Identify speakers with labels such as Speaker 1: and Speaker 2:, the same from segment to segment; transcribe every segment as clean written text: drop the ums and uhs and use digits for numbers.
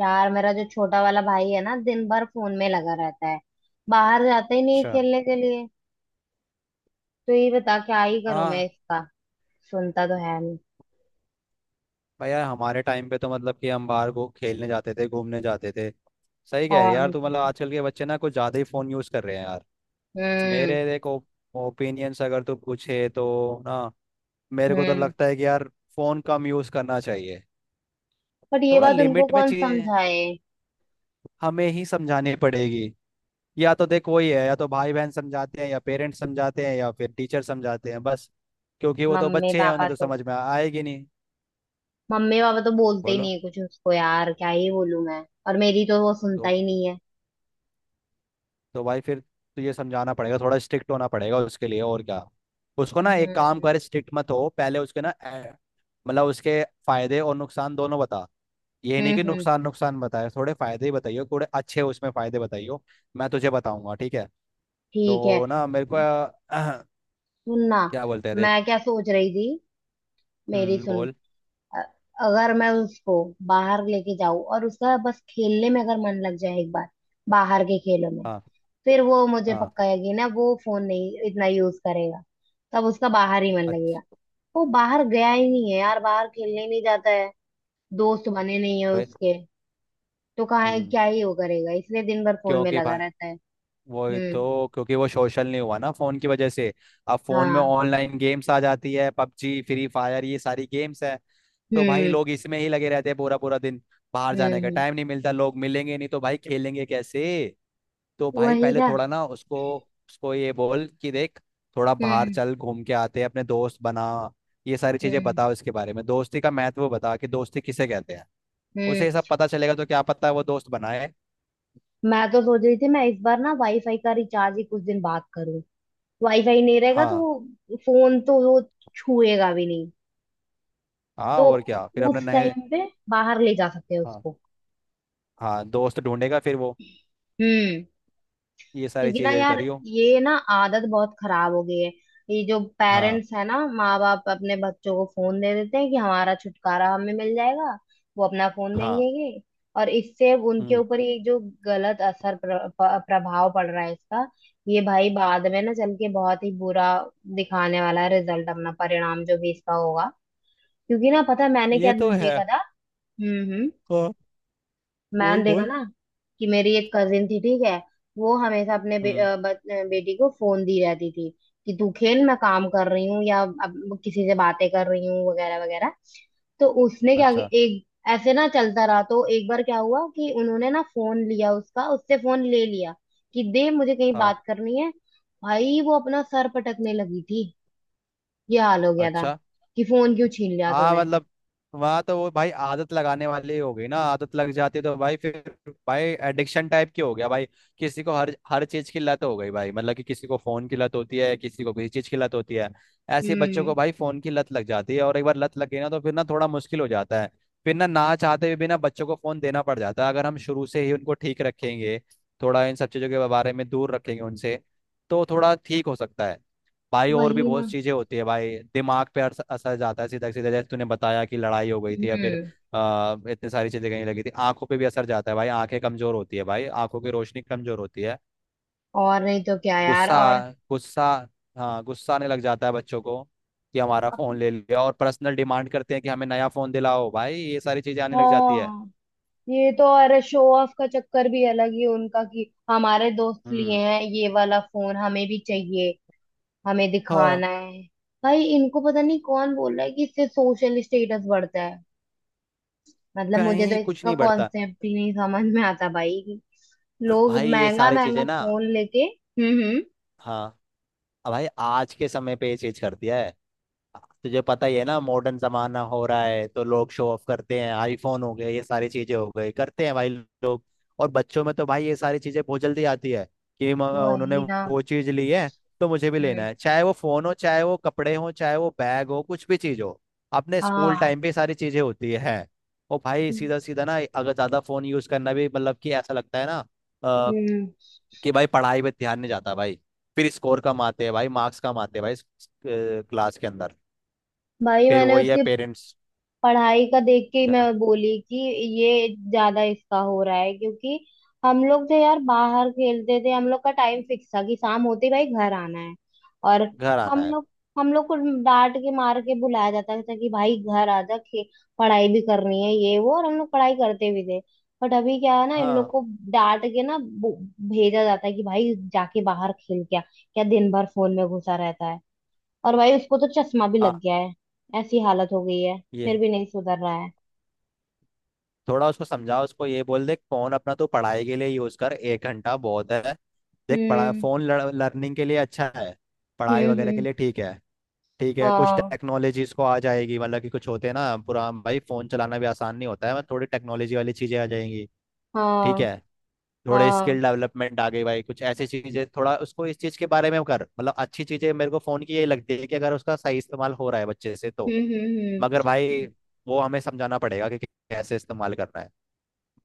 Speaker 1: यार, मेरा जो छोटा वाला भाई है ना, दिन भर फोन में लगा रहता है। बाहर जाता ही नहीं
Speaker 2: अच्छा।
Speaker 1: खेलने के लिए। तो ये बता, क्या ही करूं मैं
Speaker 2: हाँ
Speaker 1: इसका? सुनता तो है नहीं।
Speaker 2: भैया, हमारे टाइम पे तो मतलब कि हम बाहर को खेलने जाते थे, घूमने जाते थे। सही कह रही है
Speaker 1: और
Speaker 2: यार
Speaker 1: नहीं
Speaker 2: तू, मतलब
Speaker 1: तो-।
Speaker 2: आजकल के बच्चे ना कुछ ज़्यादा ही फ़ोन यूज़ कर रहे हैं यार।
Speaker 1: हम्म,
Speaker 2: मेरे देखो, ओपिनियंस अगर तू पूछे तो ना, मेरे को तो
Speaker 1: हम्म।
Speaker 2: लगता है कि यार फ़ोन कम यूज़ करना चाहिए।
Speaker 1: बट ये
Speaker 2: थोड़ा
Speaker 1: बात उनको
Speaker 2: लिमिट में
Speaker 1: कौन
Speaker 2: चीज़ें
Speaker 1: समझाए?
Speaker 2: हमें ही समझानी पड़ेगी। या तो देख वही है, या तो भाई बहन समझाते हैं, या पेरेंट्स समझाते हैं, या फिर टीचर समझाते हैं बस। क्योंकि वो तो
Speaker 1: मम्मी
Speaker 2: बच्चे हैं,
Speaker 1: पापा
Speaker 2: उन्हें तो
Speaker 1: तो
Speaker 2: समझ में आएगी नहीं।
Speaker 1: मम्मी पापा तो बोलते ही
Speaker 2: बोलो।
Speaker 1: नहीं कुछ उसको, यार क्या ही बोलूं मैं? और मेरी तो वो सुनता
Speaker 2: तो
Speaker 1: ही नहीं है।
Speaker 2: तो भाई फिर तुझे समझाना पड़ेगा, थोड़ा स्ट्रिक्ट होना पड़ेगा उसके लिए और क्या। उसको ना एक काम
Speaker 1: हम्म,
Speaker 2: कर, स्ट्रिक्ट मत हो पहले उसके ना मतलब उसके फायदे और नुकसान दोनों बता। ये नहीं
Speaker 1: हम्म,
Speaker 2: कि
Speaker 1: हम्म।
Speaker 2: नुकसान नुकसान बताए, थोड़े फायदे ही बताइयो, थोड़े अच्छे उसमें फायदे बताइयो। मैं तुझे बताऊंगा, ठीक है।
Speaker 1: ठीक है।
Speaker 2: तो ना मेरे को
Speaker 1: सुनना।
Speaker 2: क्या बोलते हैं
Speaker 1: मैं
Speaker 2: देख।
Speaker 1: क्या सोच रही थी, मेरी सुन।
Speaker 2: बोल।
Speaker 1: अ- अगर मैं उसको बाहर लेके जाऊं और उसका बस खेलने में अगर मन लग जाए एक बार, बाहर के खेलों में,
Speaker 2: हाँ
Speaker 1: फिर वो मुझे
Speaker 2: हाँ।
Speaker 1: पक्का यकीन है कि ना वो फोन नहीं इतना यूज करेगा। तब उसका बाहर ही मन लगेगा।
Speaker 2: अच्छा।
Speaker 1: वो बाहर गया ही नहीं है यार, बाहर खेलने ही नहीं जाता है। दोस्त बने नहीं है
Speaker 2: तो ये-
Speaker 1: उसके। तो कहाँ है,
Speaker 2: हम्म।
Speaker 1: क्या ही वो करेगा, इसलिए दिन भर फोन में
Speaker 2: क्योंकि
Speaker 1: लगा
Speaker 2: भाई
Speaker 1: रहता है।
Speaker 2: वही
Speaker 1: हम्म,
Speaker 2: तो, क्योंकि वो सोशल नहीं हुआ ना फोन की वजह से। अब फोन में
Speaker 1: हाँ,
Speaker 2: ऑनलाइन गेम्स आ जाती है, पबजी फ्री फायर ये सारी गेम्स है। तो भाई
Speaker 1: हम्म,
Speaker 2: लोग इसमें ही लगे रहते हैं पूरा पूरा दिन। बाहर
Speaker 1: हम्म,
Speaker 2: जाने का
Speaker 1: हम्म।
Speaker 2: टाइम नहीं मिलता, लोग मिलेंगे नहीं तो भाई खेलेंगे कैसे। तो भाई
Speaker 1: वही
Speaker 2: पहले
Speaker 1: ना।
Speaker 2: थोड़ा ना उसको, उसको ये बोल कि देख थोड़ा बाहर
Speaker 1: हम्म,
Speaker 2: चल, घूम के आते हैं, अपने दोस्त बना। ये सारी चीजें
Speaker 1: हम्म,
Speaker 2: बताओ, इसके बारे में दोस्ती का महत्व बता कि दोस्ती किसे कहते हैं। उसे
Speaker 1: हम्म।
Speaker 2: ये सब पता चलेगा तो क्या पता है वो दोस्त बनाए।
Speaker 1: मैं तो सोच रही थी, मैं इस बार ना वाईफाई का रिचार्ज ही कुछ दिन बाद करूँ। वाईफाई नहीं रहेगा तो
Speaker 2: हाँ
Speaker 1: वो फोन तो वो छुएगा भी नहीं।
Speaker 2: हाँ
Speaker 1: तो
Speaker 2: और क्या। फिर अपने
Speaker 1: उस
Speaker 2: नए,
Speaker 1: टाइम पे बाहर ले जा सकते हैं
Speaker 2: हाँ
Speaker 1: उसको।
Speaker 2: हाँ दोस्त ढूंढेगा फिर वो।
Speaker 1: हम्म।
Speaker 2: ये सारी
Speaker 1: क्योंकि ना
Speaker 2: चीजें
Speaker 1: यार,
Speaker 2: करियो।
Speaker 1: ये ना आदत बहुत खराब हो गई है। ये जो
Speaker 2: हाँ।
Speaker 1: पेरेंट्स है ना, माँ बाप अपने बच्चों को फोन दे देते हैं कि हमारा छुटकारा हमें मिल जाएगा। वो अपना फोन देंगे
Speaker 2: हाँ।
Speaker 1: ये, और इससे उनके
Speaker 2: हम्म।
Speaker 1: ऊपर ये जो गलत असर प्रभाव पड़ रहा है इसका। ये भाई बाद में ना चल के बहुत ही बुरा दिखाने वाला है, रिजल्ट अपना परिणाम जो भी इसका होगा। क्योंकि ना पता है मैंने क्या
Speaker 2: ये तो है।
Speaker 1: देखा था। हम्म, हम्म।
Speaker 2: हाँ,
Speaker 1: मैंने
Speaker 2: बोल
Speaker 1: देखा
Speaker 2: बोल।
Speaker 1: ना कि मेरी एक कजिन थी, ठीक है। वो हमेशा अपने बे,
Speaker 2: हम्म।
Speaker 1: अ, ब, अ, बेटी को फोन दी रहती थी कि तू खेल, मैं काम कर रही हूँ या अब किसी से बातें कर रही हूँ वगैरह वगैरह। तो उसने क्या,
Speaker 2: अच्छा।
Speaker 1: एक ऐसे ना चलता रहा तो एक बार क्या हुआ कि उन्होंने ना फोन लिया उसका, उससे फोन ले लिया कि दे मुझे, कहीं
Speaker 2: हाँ।
Speaker 1: बात करनी है। भाई वो अपना सर पटकने लगी थी। ये हाल हो गया था
Speaker 2: अच्छा।
Speaker 1: कि फोन क्यों छीन लिया
Speaker 2: हाँ
Speaker 1: तूने।
Speaker 2: मतलब वहाँ तो वो भाई आदत लगाने वाली हो गई ना। आदत लग जाती है तो भाई फिर, भाई एडिक्शन टाइप की हो गया भाई। किसी को हर हर चीज की लत हो गई भाई, मतलब कि किसी को फोन की लत होती है, किसी को किसी चीज की लत होती है। ऐसे बच्चों
Speaker 1: हम्म।
Speaker 2: को भाई फोन की लत लग जाती है, और एक बार लत लग गई ना तो फिर ना थोड़ा मुश्किल हो जाता है। फिर ना ना चाहते हुए भी ना बच्चों को फोन देना पड़ जाता है। अगर हम शुरू से ही उनको ठीक रखेंगे, थोड़ा इन सब चीजों के बारे में दूर रखेंगे उनसे, तो थोड़ा ठीक हो सकता है भाई। और भी
Speaker 1: वही
Speaker 2: बहुत
Speaker 1: ना।
Speaker 2: चीजें होती है भाई। दिमाग पे असर असर जाता है, सीधा सीधा, जैसे तूने बताया कि लड़ाई हो गई थी, या फिर
Speaker 1: हम्म।
Speaker 2: इतनी सारी चीजें कहीं लगी थी। आंखों पे भी असर जाता है भाई, आंखें कमजोर होती है भाई, आंखों की रोशनी कमजोर होती है।
Speaker 1: और नहीं तो क्या यार?
Speaker 2: गुस्सा,
Speaker 1: और
Speaker 2: गुस्सा, हाँ गुस्सा आने लग जाता है बच्चों को कि हमारा फोन ले लिया, और पर्सनल डिमांड करते हैं कि हमें नया फोन दिलाओ भाई। ये सारी चीजें आने लग जाती है।
Speaker 1: हाँ। ये तो अरे, शो ऑफ का चक्कर भी अलग ही उनका कि हमारे दोस्त लिए
Speaker 2: हम्म।
Speaker 1: हैं ये वाला फोन, हमें भी चाहिए। हमें
Speaker 2: हाँ।
Speaker 1: दिखाना है। भाई इनको पता नहीं कौन बोल रहा है कि इससे सोशल स्टेटस बढ़ता है। मतलब मुझे तो
Speaker 2: कहीं कुछ
Speaker 1: इसका
Speaker 2: नहीं बढ़ता
Speaker 1: कॉन्सेप्ट ही नहीं समझ में आता भाई कि लोग
Speaker 2: भाई, ये
Speaker 1: महंगा
Speaker 2: सारी
Speaker 1: महंगा
Speaker 2: चीजें ना।
Speaker 1: फोन लेके। हम्म, हम्म।
Speaker 2: हाँ भाई, आज के समय पे ये चीज करती है। तुझे पता ही है ना, मॉडर्न जमाना हो रहा है तो लोग शो ऑफ करते हैं, आईफोन हो गए, ये सारी चीजें हो गई, करते हैं भाई लोग। और बच्चों में तो भाई ये सारी चीजें बहुत जल्दी आती है कि उन्होंने
Speaker 1: वही ना।
Speaker 2: वो चीज ली है तो मुझे भी लेना
Speaker 1: हम्म।
Speaker 2: है, चाहे वो फोन हो, चाहे वो कपड़े हो, चाहे वो बैग हो, कुछ भी चीज हो। अपने स्कूल
Speaker 1: हाँ,
Speaker 2: टाइम पे ये सारी चीजें होती है। और भाई सीधा सीधा ना, अगर ज्यादा फोन यूज करना भी, मतलब कि ऐसा लगता है ना अ,
Speaker 1: हम्म,
Speaker 2: कि भाई पढ़ाई पे ध्यान नहीं जाता भाई। फिर स्कोर कम आते हैं भाई, मार्क्स कम आते हैं भाई क्लास के अंदर।
Speaker 1: भाई।
Speaker 2: फिर
Speaker 1: मैंने
Speaker 2: वही है
Speaker 1: उसके
Speaker 2: पेरेंट्स
Speaker 1: पढ़ाई का देख के ही मैं
Speaker 2: क्या,
Speaker 1: बोली कि ये ज्यादा इसका हो रहा है क्योंकि हम लोग जो यार बाहर खेलते थे, हम लोग का टाइम फिक्स था कि शाम होते ही भाई घर आना है। और
Speaker 2: घर आना
Speaker 1: हम
Speaker 2: है।
Speaker 1: लोग हम लोग को डांट के मार के बुलाया जाता था कि भाई घर आ जा पढ़ाई भी करनी है, ये वो, और हम लोग पढ़ाई करते भी थे। बट अभी क्या है ना, इन
Speaker 2: हाँ।
Speaker 1: लोग को डांट के ना भेजा जाता है कि भाई जाके बाहर खेल, क्या क्या दिन भर फोन में घुसा रहता है। और भाई उसको तो चश्मा भी
Speaker 2: आ,
Speaker 1: लग गया है। ऐसी हालत हो गई है।
Speaker 2: ये
Speaker 1: फिर
Speaker 2: है।
Speaker 1: भी नहीं सुधर रहा है।
Speaker 2: थोड़ा उसको समझाओ, उसको ये बोल दे फोन अपना तो पढ़ाई के लिए यूज कर, एक घंटा बहुत है। देख पढ़ा,
Speaker 1: हम्म,
Speaker 2: फोन लर्निंग के लिए अच्छा है, पढ़ाई
Speaker 1: हम्म,
Speaker 2: वगैरह के
Speaker 1: हम्म,
Speaker 2: लिए ठीक है। ठीक है कुछ
Speaker 1: हाँ,
Speaker 2: टेक्नोलॉजीज को आ जाएगी, मतलब कि कुछ होते हैं ना, पूरा भाई फोन चलाना भी आसान नहीं होता है, मतलब थोड़ी टेक्नोलॉजी वाली चीजें आ जाएंगी। ठीक
Speaker 1: हाँ,
Speaker 2: है। थोड़े
Speaker 1: हाँ,
Speaker 2: स्किल डेवलपमेंट आ गई भाई, कुछ ऐसी चीजें थोड़ा उसको इस चीज के बारे में कर, मतलब अच्छी चीजें मेरे को फोन की यही लगती है, कि अगर उसका सही इस्तेमाल हो रहा है बच्चे से तो।
Speaker 1: हम्म, हम्म,
Speaker 2: मगर
Speaker 1: हम्म।
Speaker 2: भाई वो हमें समझाना पड़ेगा कि कैसे इस्तेमाल करना है।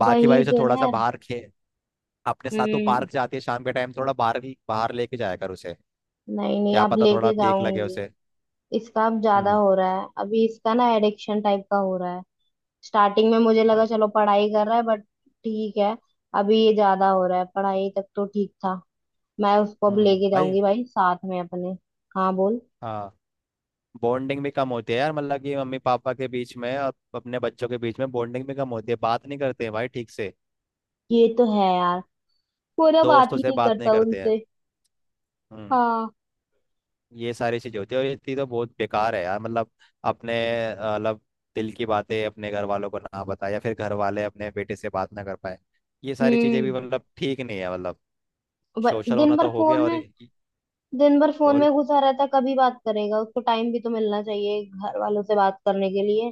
Speaker 2: बाकी भाई
Speaker 1: वही
Speaker 2: उसे
Speaker 1: तो
Speaker 2: थोड़ा
Speaker 1: ना
Speaker 2: सा
Speaker 1: यार।
Speaker 2: बाहर खे अपने साथ तो
Speaker 1: हम्म।
Speaker 2: पार्क जाती है शाम के टाइम, थोड़ा बाहर ही बाहर लेके जाया कर उसे।
Speaker 1: नहीं नहीं,
Speaker 2: क्या
Speaker 1: अब
Speaker 2: पता थोड़ा
Speaker 1: लेके
Speaker 2: ठीक लगे
Speaker 1: जाऊंगी।
Speaker 2: उसे।
Speaker 1: इसका अब ज्यादा
Speaker 2: हम्म
Speaker 1: हो रहा है, अभी इसका ना एडिक्शन टाइप का हो रहा है। स्टार्टिंग में मुझे लगा
Speaker 2: भाई।
Speaker 1: चलो पढ़ाई कर रहा है, बट ठीक है। अभी ये ज्यादा हो रहा है, पढ़ाई तक तो ठीक था। मैं उसको अब लेके
Speaker 2: भाई।
Speaker 1: जाऊंगी भाई साथ में अपने। हाँ बोल।
Speaker 2: हाँ, बॉन्डिंग भी कम होती है यार, मतलब कि मम्मी पापा के बीच में और अपने बच्चों के बीच में बॉन्डिंग भी कम होती है, बात नहीं करते हैं भाई ठीक से।
Speaker 1: ये तो है यार, वो ना बात
Speaker 2: दोस्तों
Speaker 1: ही
Speaker 2: से
Speaker 1: नहीं
Speaker 2: बात नहीं
Speaker 1: करता
Speaker 2: करते हैं।
Speaker 1: उनसे।
Speaker 2: हम्म।
Speaker 1: हाँ।
Speaker 2: ये सारी चीज होती है, और ये चीज़ तो बहुत बेकार है यार, मतलब अपने मतलब दिल की बातें अपने घर वालों को ना बताए, या फिर घर वाले अपने बेटे से बात ना कर पाए। ये सारी चीजें
Speaker 1: हम्म।
Speaker 2: भी मतलब ठीक नहीं है, मतलब
Speaker 1: ब-
Speaker 2: सोशल
Speaker 1: दिन
Speaker 2: होना
Speaker 1: भर
Speaker 2: तो हो
Speaker 1: फोन
Speaker 2: गया। और
Speaker 1: में
Speaker 2: ये-
Speaker 1: दिन भर फोन
Speaker 2: बोल।
Speaker 1: में घुसा रहता, कभी बात करेगा? उसको टाइम भी तो मिलना चाहिए घर वालों से बात करने के लिए।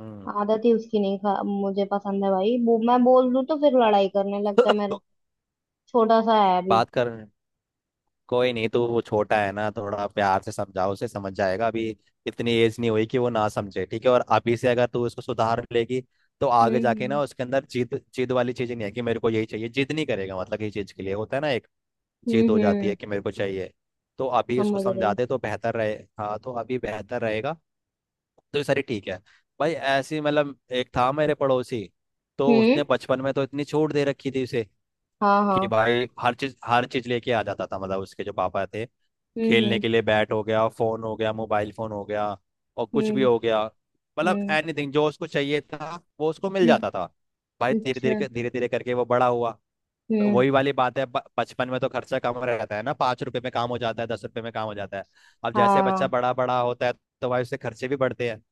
Speaker 2: हम्म।
Speaker 1: आदत ही उसकी नहीं, खा मुझे पसंद है भाई, वो मैं बोल दूं तो फिर लड़ाई करने लगता है मेरा। छोटा सा है अभी।
Speaker 2: बात कर। कोई नहीं, तो वो छोटा है ना, थोड़ा प्यार से समझाओ उसे, समझ जाएगा अभी। इतनी एज नहीं हुई कि वो ना समझे, ठीक है। और अभी से अगर तू उसको सुधार लेगी तो आगे
Speaker 1: हम्म,
Speaker 2: जाके
Speaker 1: हम्म,
Speaker 2: ना उसके अंदर जिद जिद वाली चीजें नहीं है कि मेरे को यही चाहिए, जिद नहीं करेगा। मतलब ये चीज के लिए होता है ना एक, जिद
Speaker 1: हम्म,
Speaker 2: हो जाती है
Speaker 1: हम्म।
Speaker 2: कि मेरे को चाहिए। तो अभी उसको
Speaker 1: समझ रही।
Speaker 2: समझाते तो बेहतर रहे। हाँ, तो अभी बेहतर रहेगा। तो ये सारी ठीक है भाई। ऐसी मतलब एक था मेरे पड़ोसी, तो उसने
Speaker 1: हम्म,
Speaker 2: बचपन में तो इतनी छूट दे रखी थी उसे
Speaker 1: हाँ,
Speaker 2: कि
Speaker 1: हाँ,
Speaker 2: भाई हर चीज लेके आ जाता था, मतलब उसके जो पापा थे।
Speaker 1: हम्म,
Speaker 2: खेलने
Speaker 1: हम्म,
Speaker 2: के लिए बैट हो गया, फोन हो गया, मोबाइल फोन हो गया, और कुछ भी
Speaker 1: हम्म,
Speaker 2: हो गया। मतलब
Speaker 1: हम्म,
Speaker 2: एनीथिंग जो उसको चाहिए था वो उसको मिल जाता था।
Speaker 1: हम्म।
Speaker 2: भाई धीरे
Speaker 1: अच्छा।
Speaker 2: धीरे धीरे धीरे करके वो बड़ा हुआ।
Speaker 1: हम्म,
Speaker 2: वही वाली बात है, बचपन में तो खर्चा कम रहता है ना, पाँच रुपए में काम हो जाता है, दस रुपए में काम हो जाता है। अब जैसे बच्चा
Speaker 1: हाँ।
Speaker 2: बड़ा बड़ा होता है तो भाई उसके खर्चे भी बढ़ते हैं।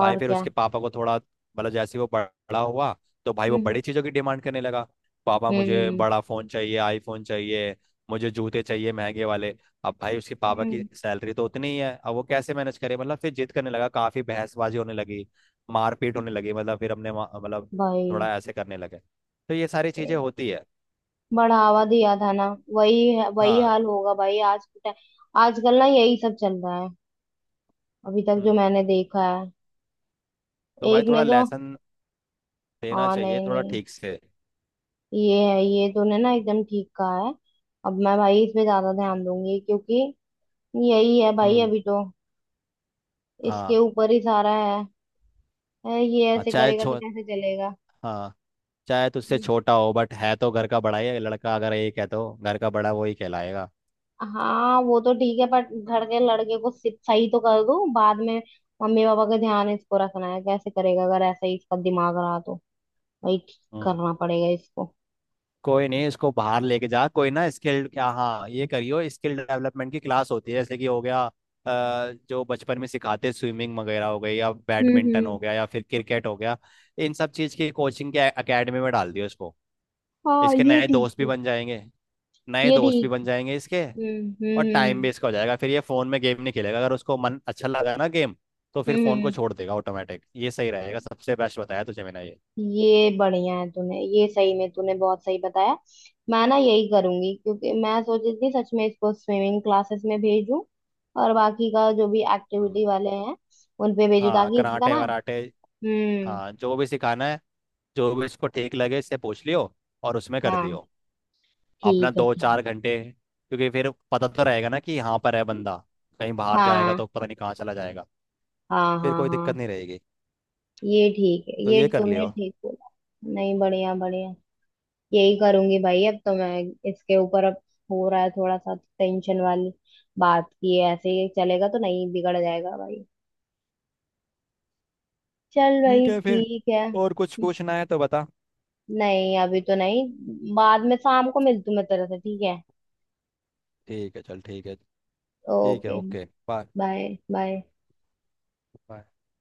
Speaker 2: भाई फिर
Speaker 1: क्या?
Speaker 2: उसके पापा को थोड़ा मतलब, जैसे ही वो बड़ा हुआ तो भाई वो
Speaker 1: हम्म,
Speaker 2: बड़ी चीजों की डिमांड करने लगा। पापा मुझे
Speaker 1: हम्म,
Speaker 2: बड़ा फोन चाहिए, आईफोन चाहिए, मुझे जूते चाहिए महंगे वाले। अब भाई उसके पापा की
Speaker 1: हम्म।
Speaker 2: सैलरी तो उतनी ही है, अब वो कैसे मैनेज करे। मतलब फिर जिद करने लगा, काफी बहसबाजी होने लगी, मारपीट होने लगी। मतलब फिर हमने मतलब
Speaker 1: भाई।
Speaker 2: थोड़ा ऐसे करने लगे। तो ये सारी चीजें होती है।
Speaker 1: बढ़ावा दिया था ना। वही
Speaker 2: हाँ।
Speaker 1: हाल होगा भाई आज के टाइम। आजकल ना यही सब चल रहा है। अभी तक जो
Speaker 2: हम्म।
Speaker 1: मैंने देखा है।
Speaker 2: तो भाई
Speaker 1: एक ने
Speaker 2: थोड़ा
Speaker 1: तो।
Speaker 2: लेसन देना
Speaker 1: हाँ,
Speaker 2: चाहिए,
Speaker 1: नहीं
Speaker 2: थोड़ा
Speaker 1: नहीं।
Speaker 2: ठीक से।
Speaker 1: ये है, ये तूने ना एकदम ठीक कहा है। अब मैं भाई इस पे ज्यादा ध्यान दूंगी क्योंकि यही है भाई
Speaker 2: हम्म।
Speaker 1: अभी तो, इसके
Speaker 2: हाँ।
Speaker 1: ऊपर ही सारा है। है, ये
Speaker 2: हाँ,
Speaker 1: ऐसे
Speaker 2: चाहे
Speaker 1: करेगा तो
Speaker 2: छो
Speaker 1: कैसे चलेगा?
Speaker 2: हाँ चाहे तुझसे
Speaker 1: हम्म।
Speaker 2: छोटा हो बट है तो घर का बड़ा ही है, लड़का अगर एक है तो घर का बड़ा वो ही कहलाएगा।
Speaker 1: हाँ, वो तो ठीक है, पर घर के लड़के को सिर्फ सही तो कर दूं। बाद में मम्मी पापा का ध्यान इसको रखना है, कैसे करेगा अगर ऐसा ही इसका दिमाग रहा तो। वही
Speaker 2: हम्म।
Speaker 1: करना पड़ेगा इसको।
Speaker 2: कोई नहीं, इसको बाहर लेके जा, कोई ना स्किल, क्या, हाँ ये करियो, स्किल डेवलपमेंट की क्लास होती है, जैसे कि हो गया जो बचपन में सिखाते, स्विमिंग वगैरह हो गई, या
Speaker 1: हम्म,
Speaker 2: बैडमिंटन
Speaker 1: हम्म,
Speaker 2: हो गया, या फिर क्रिकेट हो गया। इन सब चीज़ की कोचिंग के एकेडमी में डाल दियो इसको।
Speaker 1: हाँ।
Speaker 2: इसके
Speaker 1: ये
Speaker 2: नए
Speaker 1: ठीक
Speaker 2: दोस्त भी
Speaker 1: है।
Speaker 2: बन जाएंगे। नए
Speaker 1: ये
Speaker 2: दोस्त भी
Speaker 1: ठीक।
Speaker 2: बन जाएंगे इसके।
Speaker 1: हम्म,
Speaker 2: और टाइम
Speaker 1: हम्म,
Speaker 2: वेस्ट का हो जाएगा, फिर ये फोन में गेम नहीं खेलेगा, अगर उसको मन अच्छा लगा ना गेम तो फिर
Speaker 1: हम्म, हम्म,
Speaker 2: फोन को
Speaker 1: हम्म।
Speaker 2: छोड़ देगा ऑटोमेटिक। ये सही रहेगा, सबसे बेस्ट बताया तुझे मैंने ये।
Speaker 1: ये बढ़िया है। तूने, ये सही में तूने बहुत सही बताया। मैं ना यही करूंगी क्योंकि मैं सोच रही थी सच में इसको स्विमिंग क्लासेस में भेजूं, और बाकी का जो भी
Speaker 2: हाँ,
Speaker 1: एक्टिविटी वाले हैं उन पे भेजूं
Speaker 2: हाँ
Speaker 1: ताकि इसका
Speaker 2: कराटे
Speaker 1: ना।
Speaker 2: वराटे,
Speaker 1: हम्म,
Speaker 2: हाँ जो भी सिखाना है, जो भी इसको ठीक लगे इससे पूछ लियो, और उसमें कर
Speaker 1: हाँ।
Speaker 2: दियो अपना
Speaker 1: ठीक है,
Speaker 2: दो
Speaker 1: ठीक।
Speaker 2: चार घंटे। क्योंकि फिर पता तो रहेगा ना कि यहाँ पर है बंदा, कहीं बाहर जाएगा
Speaker 1: हाँ,
Speaker 2: तो पता नहीं कहाँ चला जाएगा।
Speaker 1: हाँ,
Speaker 2: फिर
Speaker 1: हाँ,
Speaker 2: कोई
Speaker 1: हाँ।
Speaker 2: दिक्कत नहीं रहेगी।
Speaker 1: ये ठीक है,
Speaker 2: तो
Speaker 1: ये
Speaker 2: ये कर
Speaker 1: तूने
Speaker 2: लियो।
Speaker 1: ठीक बोला। नहीं, बढ़िया बढ़िया। यही करूंगी भाई अब तो मैं, इसके ऊपर अब हो रहा है थोड़ा सा टेंशन वाली बात की है, ऐसे ही चलेगा तो नहीं, बिगड़ जाएगा भाई। चल
Speaker 2: ठीक
Speaker 1: भाई,
Speaker 2: है फिर।
Speaker 1: ठीक है।
Speaker 2: और कुछ पूछना है तो बता।
Speaker 1: नहीं अभी तो नहीं। बाद में शाम को मिलती हूँ मैं तेरे से, ठीक है।
Speaker 2: ठीक है चल, ठीक है। ठीक है।
Speaker 1: Okay.
Speaker 2: Okay.
Speaker 1: Bye bye.
Speaker 2: Bye.